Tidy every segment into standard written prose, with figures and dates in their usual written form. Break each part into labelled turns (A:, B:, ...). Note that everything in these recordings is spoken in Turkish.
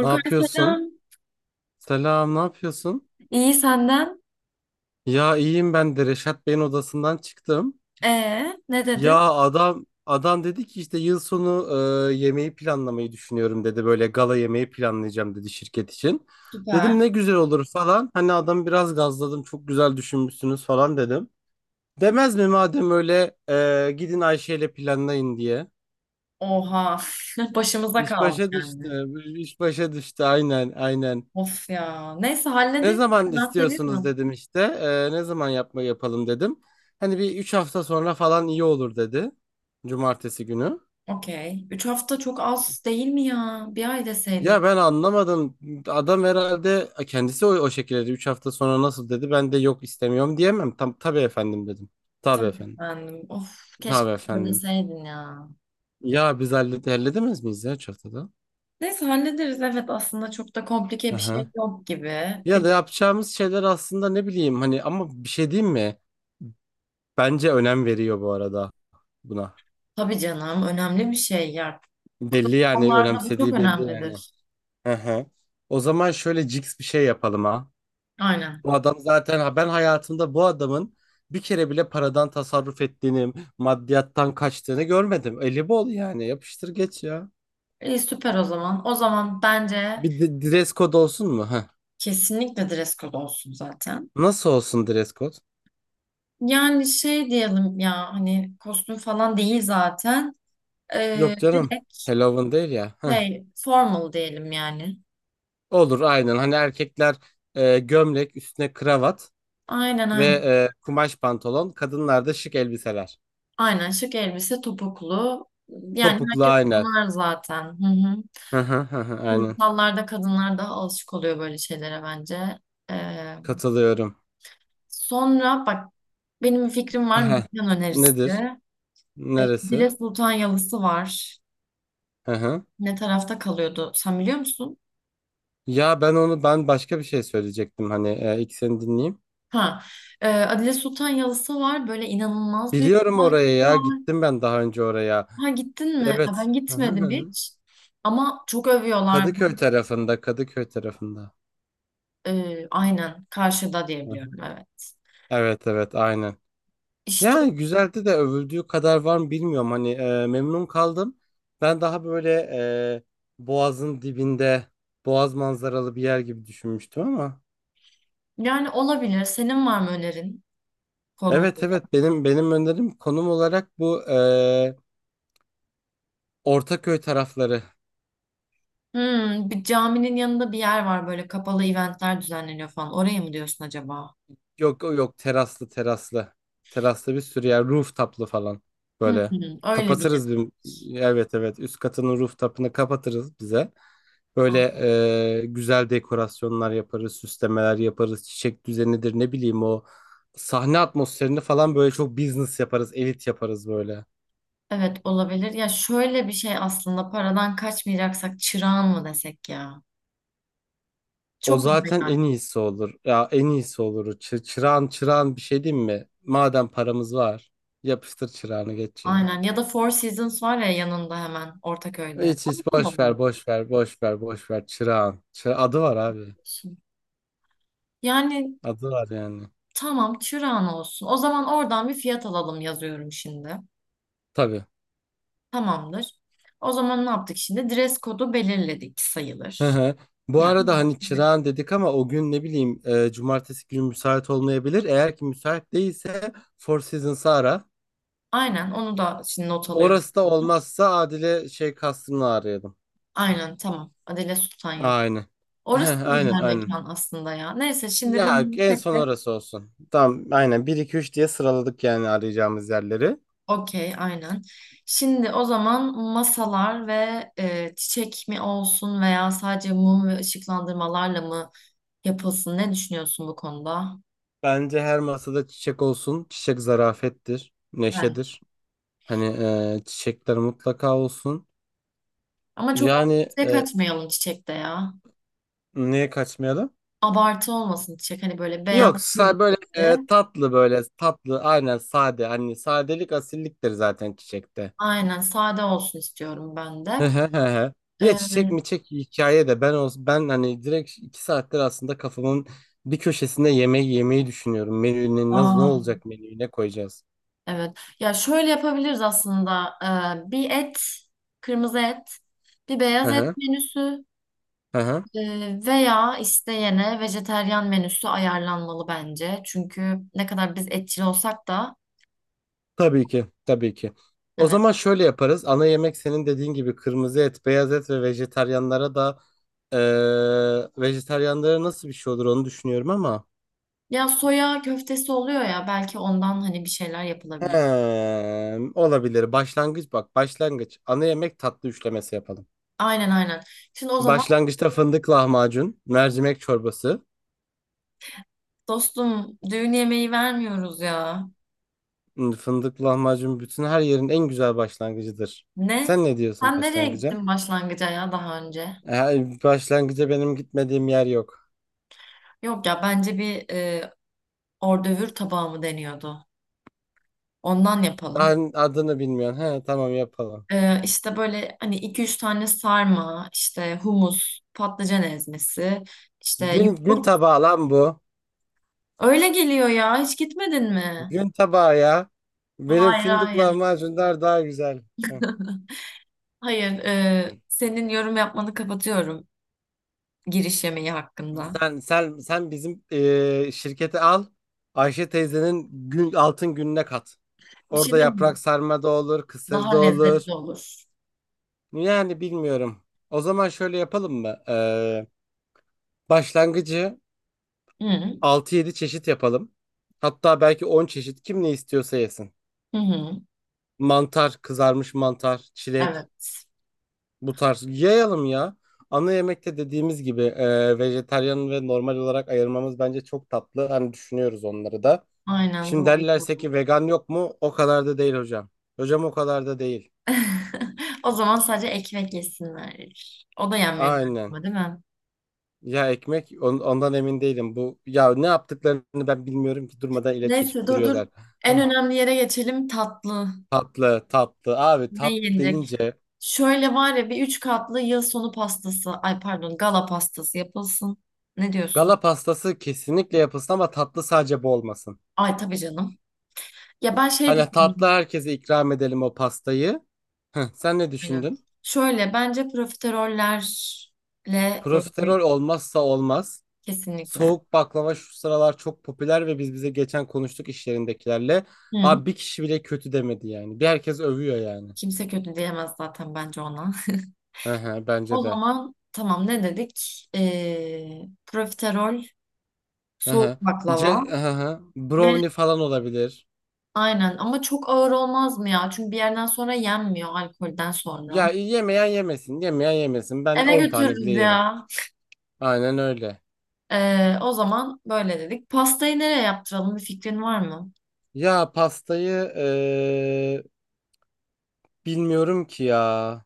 A: Ne yapıyorsun?
B: selam.
A: Selam, ne yapıyorsun?
B: İyi senden.
A: Ya iyiyim ben de Reşat Bey'in odasından çıktım.
B: Ne dedi?
A: Ya adam dedi ki işte yıl sonu yemeği planlamayı düşünüyorum dedi. Böyle gala yemeği planlayacağım dedi şirket için. Dedim
B: Süper.
A: ne güzel olur falan. Hani adamı biraz gazladım. Çok güzel düşünmüşsünüz falan dedim. Demez mi madem öyle gidin Ayşe ile planlayın diye.
B: Oha. Başımıza
A: İş
B: kaldı
A: başa
B: yani.
A: düştü. İş başa düştü aynen aynen.
B: Of ya. Neyse
A: Ne
B: hallederiz.
A: zaman
B: Ben
A: istiyorsunuz
B: seviyorum.
A: dedim işte. Ne zaman yapalım dedim. Hani bir 3 hafta sonra falan iyi olur dedi. Cumartesi günü.
B: Okey. Üç hafta çok az değil mi ya? Bir ay deseydin.
A: Ya ben anlamadım. Adam herhalde kendisi o şekilde dedi. 3 hafta sonra nasıl dedi. Ben de yok istemiyorum diyemem. Tam tabii efendim dedim. Tabii
B: Tabii
A: efendim.
B: efendim. Of keşke
A: Tabii
B: böyle
A: efendim.
B: deseydin ya.
A: Ya biz halledemez miyiz ya 3 haftada?
B: Neyse hallederiz. Evet aslında çok da komplike bir
A: Aha.
B: şey yok gibi.
A: Ya
B: Bir,
A: da yapacağımız şeyler aslında ne bileyim hani ama bir şey diyeyim mi? Bence önem veriyor bu arada buna.
B: tabii canım önemli bir şey ya.
A: Belli yani
B: Kurumsallarda bu çok
A: önemsediği belli yani.
B: önemlidir.
A: Hı hı. O zaman şöyle cix bir şey yapalım ha.
B: Aynen.
A: Bu adam zaten ha ben hayatımda bu adamın bir kere bile paradan tasarruf ettiğini, maddiyattan kaçtığını görmedim. Eli bol yani yapıştır geç ya.
B: İyi süper o zaman. O zaman bence
A: Bir de, dress code olsun mu? Heh.
B: kesinlikle dress code olsun zaten.
A: Nasıl olsun dress code?
B: Yani şey diyelim ya hani kostüm falan değil zaten.
A: Yok canım.
B: Direkt
A: Halloween değil ya. Heh.
B: formal diyelim yani.
A: Olur aynen. Hani erkekler gömlek üstüne kravat
B: Aynen
A: ve
B: aynen.
A: kumaş pantolon. Kadınlar da şık elbiseler.
B: Aynen şık elbise topuklu. Yani
A: Topuklu
B: herkes
A: aynen.
B: bunlar zaten. Hı hı.
A: Hı hı hı hı, aynen.
B: Kurumsallarda kadınlar daha alışık oluyor böyle şeylere bence. Ee,
A: Katılıyorum.
B: Sonra bak benim bir fikrim var
A: Heh.
B: mekan
A: Nedir?
B: önerisi. Ee,
A: Neresi?
B: Dile Sultan Yalısı var.
A: Hı hı.
B: Ne tarafta kalıyordu? Sen biliyor musun?
A: Ya ben başka bir şey söyleyecektim hani ilk seni dinleyeyim.
B: Ha, Adile Sultan Yalısı var. Böyle inanılmaz büyük bir
A: Biliyorum oraya
B: bahçesi
A: ya
B: var.
A: gittim ben daha önce oraya.
B: Ha gittin mi? Ha,
A: Evet.
B: ben
A: Hı hı hı.
B: gitmedim
A: Hı.
B: hiç. Ama çok övüyorlar.
A: Kadıköy tarafında Kadıköy tarafında.
B: E, aynen karşıda
A: Hı hı.
B: diyebiliyorum evet.
A: Evet evet aynen.
B: İşte
A: Ya güzeldi de övüldüğü kadar var mı bilmiyorum hani memnun kaldım. Ben daha böyle e, Boğaz'ın dibinde Boğaz manzaralı bir yer gibi düşünmüştüm ama.
B: yani olabilir. Senin var mı önerin konumda?
A: Evet evet benim önerim konum olarak bu Ortaköy tarafları.
B: Hmm, bir caminin yanında bir yer var böyle kapalı eventler düzenleniyor falan. Oraya mı diyorsun acaba?
A: Yok yok teraslı teraslı. Teraslı bir sürü yer rooftop'lu falan
B: Hı
A: böyle.
B: hı, öyle bir yer.
A: Kapatırız bir evet evet üst katının rooftop'ını kapatırız bize.
B: Ha,
A: Böyle güzel dekorasyonlar yaparız, süslemeler yaparız, çiçek düzenidir ne bileyim o sahne atmosferini falan böyle çok business yaparız, elit yaparız böyle.
B: evet olabilir. Ya şöyle bir şey aslında paradan kaçmayacaksak çırağan mı desek ya?
A: O
B: Çok mu
A: zaten en
B: yani?
A: iyisi olur. Ya en iyisi olur. Çırağın bir şey değil mi? Madem paramız var, yapıştır çırağını geç ya.
B: Aynen ya da Four Seasons var ya yanında hemen Ortaköy'de.
A: Hiç hiç
B: Orada da
A: boş ver boş ver boş ver boş ver Çırağan. Adı var abi.
B: bulabiliyorsun. Yani
A: Adı var yani.
B: tamam çırağan olsun. O zaman oradan bir fiyat alalım yazıyorum şimdi.
A: Tabii.
B: Tamamdır. O zaman ne yaptık şimdi? Dress kodu belirledik
A: Hı
B: sayılır.
A: hı. Bu
B: Yani
A: arada hani
B: evet.
A: Çırağan dedik ama o gün ne bileyim cumartesi günü müsait olmayabilir. Eğer ki müsait değilse Four Seasons'ı ara.
B: Aynen onu da şimdi not alıyorum.
A: Orası da olmazsa Adile şey kastını arayalım.
B: Aynen tamam. Adile Sultan Yıl.
A: Aynen.
B: Orası
A: Heh,
B: da
A: aynen
B: güzel
A: aynen.
B: mekan aslında ya. Neyse şimdi
A: Ya
B: bunu
A: en
B: tek
A: son
B: tek
A: orası olsun. Tamam aynen bir 2 3 diye sıraladık yani arayacağımız yerleri.
B: okey, aynen. Şimdi o zaman masalar ve çiçek mi olsun veya sadece mum ve ışıklandırmalarla mı yapılsın? Ne düşünüyorsun bu konuda?
A: Bence her masada çiçek olsun. Çiçek zarafettir,
B: Bence.
A: neşedir. Hani çiçekler mutlaka olsun.
B: Ama çok
A: Yani
B: abartıya kaçmayalım çiçekte ya.
A: niye kaçmayalım?
B: Abartı olmasın çiçek. Hani böyle beyaz
A: Yok,
B: bir
A: böyle
B: de.
A: tatlı böyle tatlı aynen sade. Hani sadelik asilliktir zaten çiçekte.
B: Aynen sade olsun istiyorum ben de.
A: Hı hı hı hı. Ya
B: E,
A: çiçek mi çek hikaye de ben olsun ben hani direkt 2 saattir aslında kafamın bir köşesinde yemeği yemeyi düşünüyorum. Menüne nasıl ne
B: aa,
A: olacak menüyü ne koyacağız?
B: evet. Ya şöyle yapabiliriz aslında. Bir et, kırmızı et, bir
A: Hı
B: beyaz et
A: hı,
B: menüsü.
A: hı hı.
B: Veya isteyene vejeteryan menüsü ayarlanmalı bence. Çünkü ne kadar biz etçil olsak da
A: Tabii ki tabii ki. O
B: evet.
A: zaman şöyle yaparız. Ana yemek senin dediğin gibi kırmızı et, beyaz et ve vejetaryenlara da. Ee, vejetaryenlere nasıl bir şey olur onu düşünüyorum ama.
B: Ya soya köftesi oluyor ya belki ondan hani bir şeyler yapılabilir.
A: Hem, olabilir. Başlangıç bak başlangıç. Ana yemek tatlı üçlemesi yapalım.
B: Aynen aynen. Şimdi o zaman
A: Başlangıçta fındık lahmacun, mercimek çorbası.
B: dostum düğün yemeği vermiyoruz ya.
A: Fındık lahmacun bütün her yerin en güzel başlangıcıdır.
B: Ne?
A: Sen ne diyorsun
B: Sen nereye
A: başlangıca?
B: gittin başlangıca ya daha önce?
A: Başlangıca benim gitmediğim yer yok.
B: Yok ya bence ordövür tabağı mı deniyordu? Ondan yapalım.
A: Daha adını bilmiyorum. He, tamam yapalım.
B: İşte böyle hani iki üç tane sarma, işte humus, patlıcan ezmesi, işte
A: Gün
B: yoğurt.
A: tabağı lan bu.
B: Öyle geliyor ya. Hiç gitmedin mi?
A: Gün tabağı ya. Benim
B: Hayır,
A: fındık
B: hayır.
A: lahmacunlar daha güzel.
B: Hayır. Senin yorum yapmanı kapatıyorum giriş yemeği hakkında.
A: Sen bizim şirketi al. Ayşe teyzenin altın gününe kat.
B: Bir şey
A: Orada
B: diyeyim
A: yaprak
B: mi?
A: sarma da olur, kısır da
B: Daha
A: olur.
B: lezzetli olur.
A: Yani bilmiyorum. O zaman şöyle yapalım mı? Başlangıcı
B: Hı hı.
A: 6-7 çeşit yapalım. Hatta belki 10 çeşit kim ne istiyorsa yesin.
B: hı.
A: Mantar, kızarmış mantar, çilek
B: Evet.
A: bu tarz yayalım ya. Ana yemekte dediğimiz gibi vejetaryen ve normal olarak ayırmamız bence çok tatlı. Hani düşünüyoruz onları da.
B: Aynen
A: Şimdi
B: bu video.
A: derlerse
B: Bu.
A: ki vegan yok mu? O kadar da değil hocam. Hocam o kadar da değil.
B: O zaman sadece ekmek yesinler. O da yenmiyor
A: Aynen.
B: galiba, değil mi?
A: Ya ekmek ondan emin değilim. Bu ya ne yaptıklarını ben bilmiyorum ki durmadan ilaç
B: Neyse
A: içip
B: dur dur.
A: duruyorlar.
B: En
A: Hah.
B: önemli yere geçelim tatlı.
A: Tatlı, tatlı. Abi
B: Ne
A: tatlı
B: yenecek?
A: deyince
B: Şöyle var ya bir üç katlı yıl sonu pastası, ay pardon gala pastası yapılsın. Ne diyorsun?
A: gala pastası kesinlikle yapılsın ama tatlı sadece bu olmasın.
B: Ay tabii canım. Ya ben şey
A: Hani tatlı
B: düşündüm.
A: herkese ikram edelim o pastayı. Heh, sen ne
B: Aynen.
A: düşündün?
B: Şöyle bence profiterollerle böyle bir
A: Profiterol olmazsa olmaz.
B: kesinlikle.
A: Soğuk baklava şu sıralar çok popüler ve biz bize geçen konuştuk iş yerindekilerle.
B: Hı.
A: Abi bir kişi bile kötü demedi yani. Bir herkes övüyor yani.
B: Kimse kötü diyemez zaten bence ona.
A: Hı hı,
B: O
A: bence de.
B: zaman tamam ne dedik? Profiterol,
A: Hı
B: soğuk
A: hı. Ce
B: baklava
A: hı hı.
B: ve
A: Brownie falan olabilir.
B: aynen ama çok ağır olmaz mı ya? Çünkü bir yerden sonra yenmiyor alkolden
A: Ya
B: sonra.
A: yemeyen yemesin, yemeyen yemesin. Ben
B: Eve
A: 10 tane bile
B: götürürüz
A: yerim.
B: ya.
A: Aynen öyle.
B: O zaman böyle dedik. Pastayı nereye yaptıralım bir fikrin var mı?
A: Ya pastayı bilmiyorum ki ya.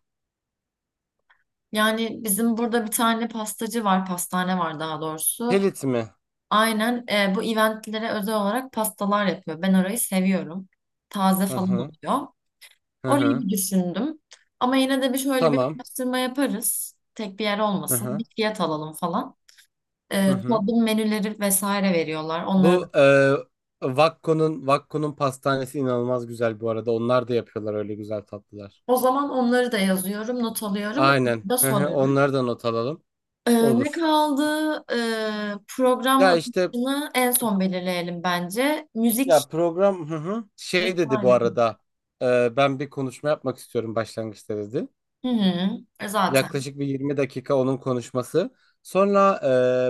B: Yani bizim burada bir tane pastacı var, pastane var daha doğrusu.
A: Pelit mi?
B: Aynen bu eventlere özel olarak pastalar yapıyor. Ben orayı seviyorum. Taze
A: Hı
B: falan
A: hı.
B: oluyor.
A: Hı
B: Orayı
A: hı.
B: bir düşündüm. Ama yine de bir şöyle bir
A: Tamam.
B: araştırma yaparız. Tek bir yer
A: Hı
B: olmasın.
A: hı.
B: Bir fiyat alalım falan.
A: Hı hı.
B: Tadım menüleri vesaire veriyorlar onlara
A: Bu
B: da.
A: e, Vakko'nun Vakko'nun pastanesi inanılmaz güzel bu arada. Onlar da yapıyorlar öyle güzel tatlılar.
B: O zaman onları da yazıyorum, not alıyorum.
A: Aynen.
B: Onları da
A: Hı hı,
B: sorarız.
A: onları da not alalım.
B: Ee, Ne
A: Olur.
B: kaldı? Program
A: Ya işte
B: akışını en son belirleyelim bence. Müzik
A: ya program hı hı. Şey dedi bu
B: vesaire.
A: arada. Ben bir konuşma yapmak istiyorum başlangıçta dedi.
B: Hı hı, e, zaten.
A: Yaklaşık bir 20 dakika onun konuşması. Sonra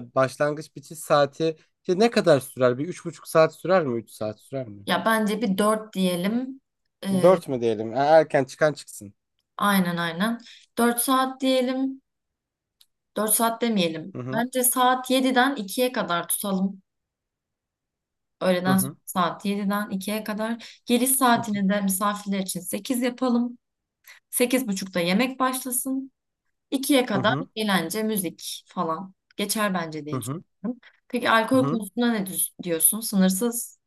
A: başlangıç bitiş saati işte ne kadar sürer? Bir 3,5 saat sürer mi? 3 saat sürer mi?
B: Ya bence bir dört diyelim. Ee,
A: 4 mü diyelim? Erken çıkan çıksın.
B: aynen. Dört saat diyelim. Dört saat demeyelim.
A: Hı hı.
B: Bence saat yediden ikiye kadar tutalım.
A: Hı
B: Öğleden sonra
A: hı.
B: saat yediden ikiye kadar. Geliş
A: Hı hı.
B: saatini de misafirler için 8 yapalım. Sekiz buçukta yemek başlasın. İkiye
A: Hı
B: kadar
A: hı.
B: eğlence, müzik falan geçer bence
A: Hı
B: diye
A: hı.
B: düşünüyorum. Peki alkol
A: Hı.
B: konusunda diyorsun? Sınırsız.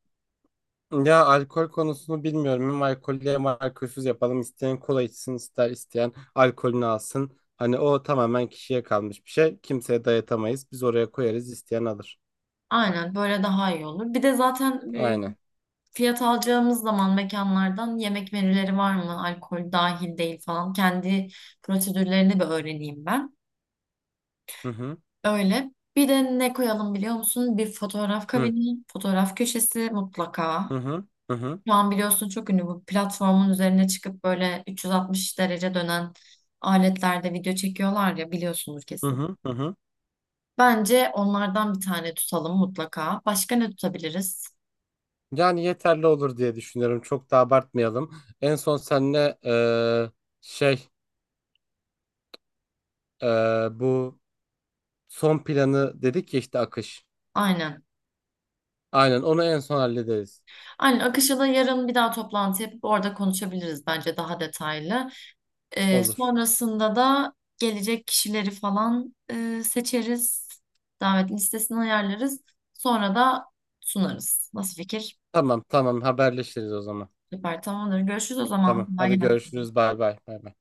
A: Ya alkol konusunu bilmiyorum. Hem alkollü hem alkolsüz yapalım. İsteyen kola içsin, isteyen alkolünü alsın. Hani o tamamen kişiye kalmış bir şey. Kimseye dayatamayız. Biz oraya koyarız, isteyen alır.
B: Aynen böyle daha iyi olur. Bir de zaten
A: Aynen.
B: fiyat alacağımız zaman mekanlardan yemek menüleri var mı? Alkol dahil değil falan. Kendi prosedürlerini bir öğreneyim ben.
A: Hı hı.
B: Öyle. Bir de ne koyalım biliyor musun? Bir fotoğraf
A: Hı
B: kabini, fotoğraf köşesi mutlaka.
A: hı hı hı hı
B: Şu an biliyorsun çok ünlü bu platformun üzerine çıkıp böyle 360 derece dönen aletlerde video çekiyorlar ya biliyorsunuz
A: hı
B: kesin.
A: hı. Hı.
B: Bence onlardan bir tane tutalım mutlaka. Başka ne tutabiliriz?
A: Yani yeterli olur diye düşünüyorum. Çok da abartmayalım. En son seninle şey bu son planı dedik ya işte akış.
B: Aynen.
A: Aynen onu en son hallederiz.
B: Aynen Akış'a da yarın bir daha toplantı yapıp orada konuşabiliriz bence daha detaylı.
A: Olur.
B: Sonrasında da gelecek kişileri falan seçeriz. Davet listesini ayarlarız. Sonra da sunarız. Nasıl fikir?
A: Tamam tamam haberleşiriz o zaman.
B: Süper tamamdır. Görüşürüz o zaman.
A: Tamam.
B: Kolay
A: Hadi
B: gelsin.
A: görüşürüz. Bay bay. Bay bay.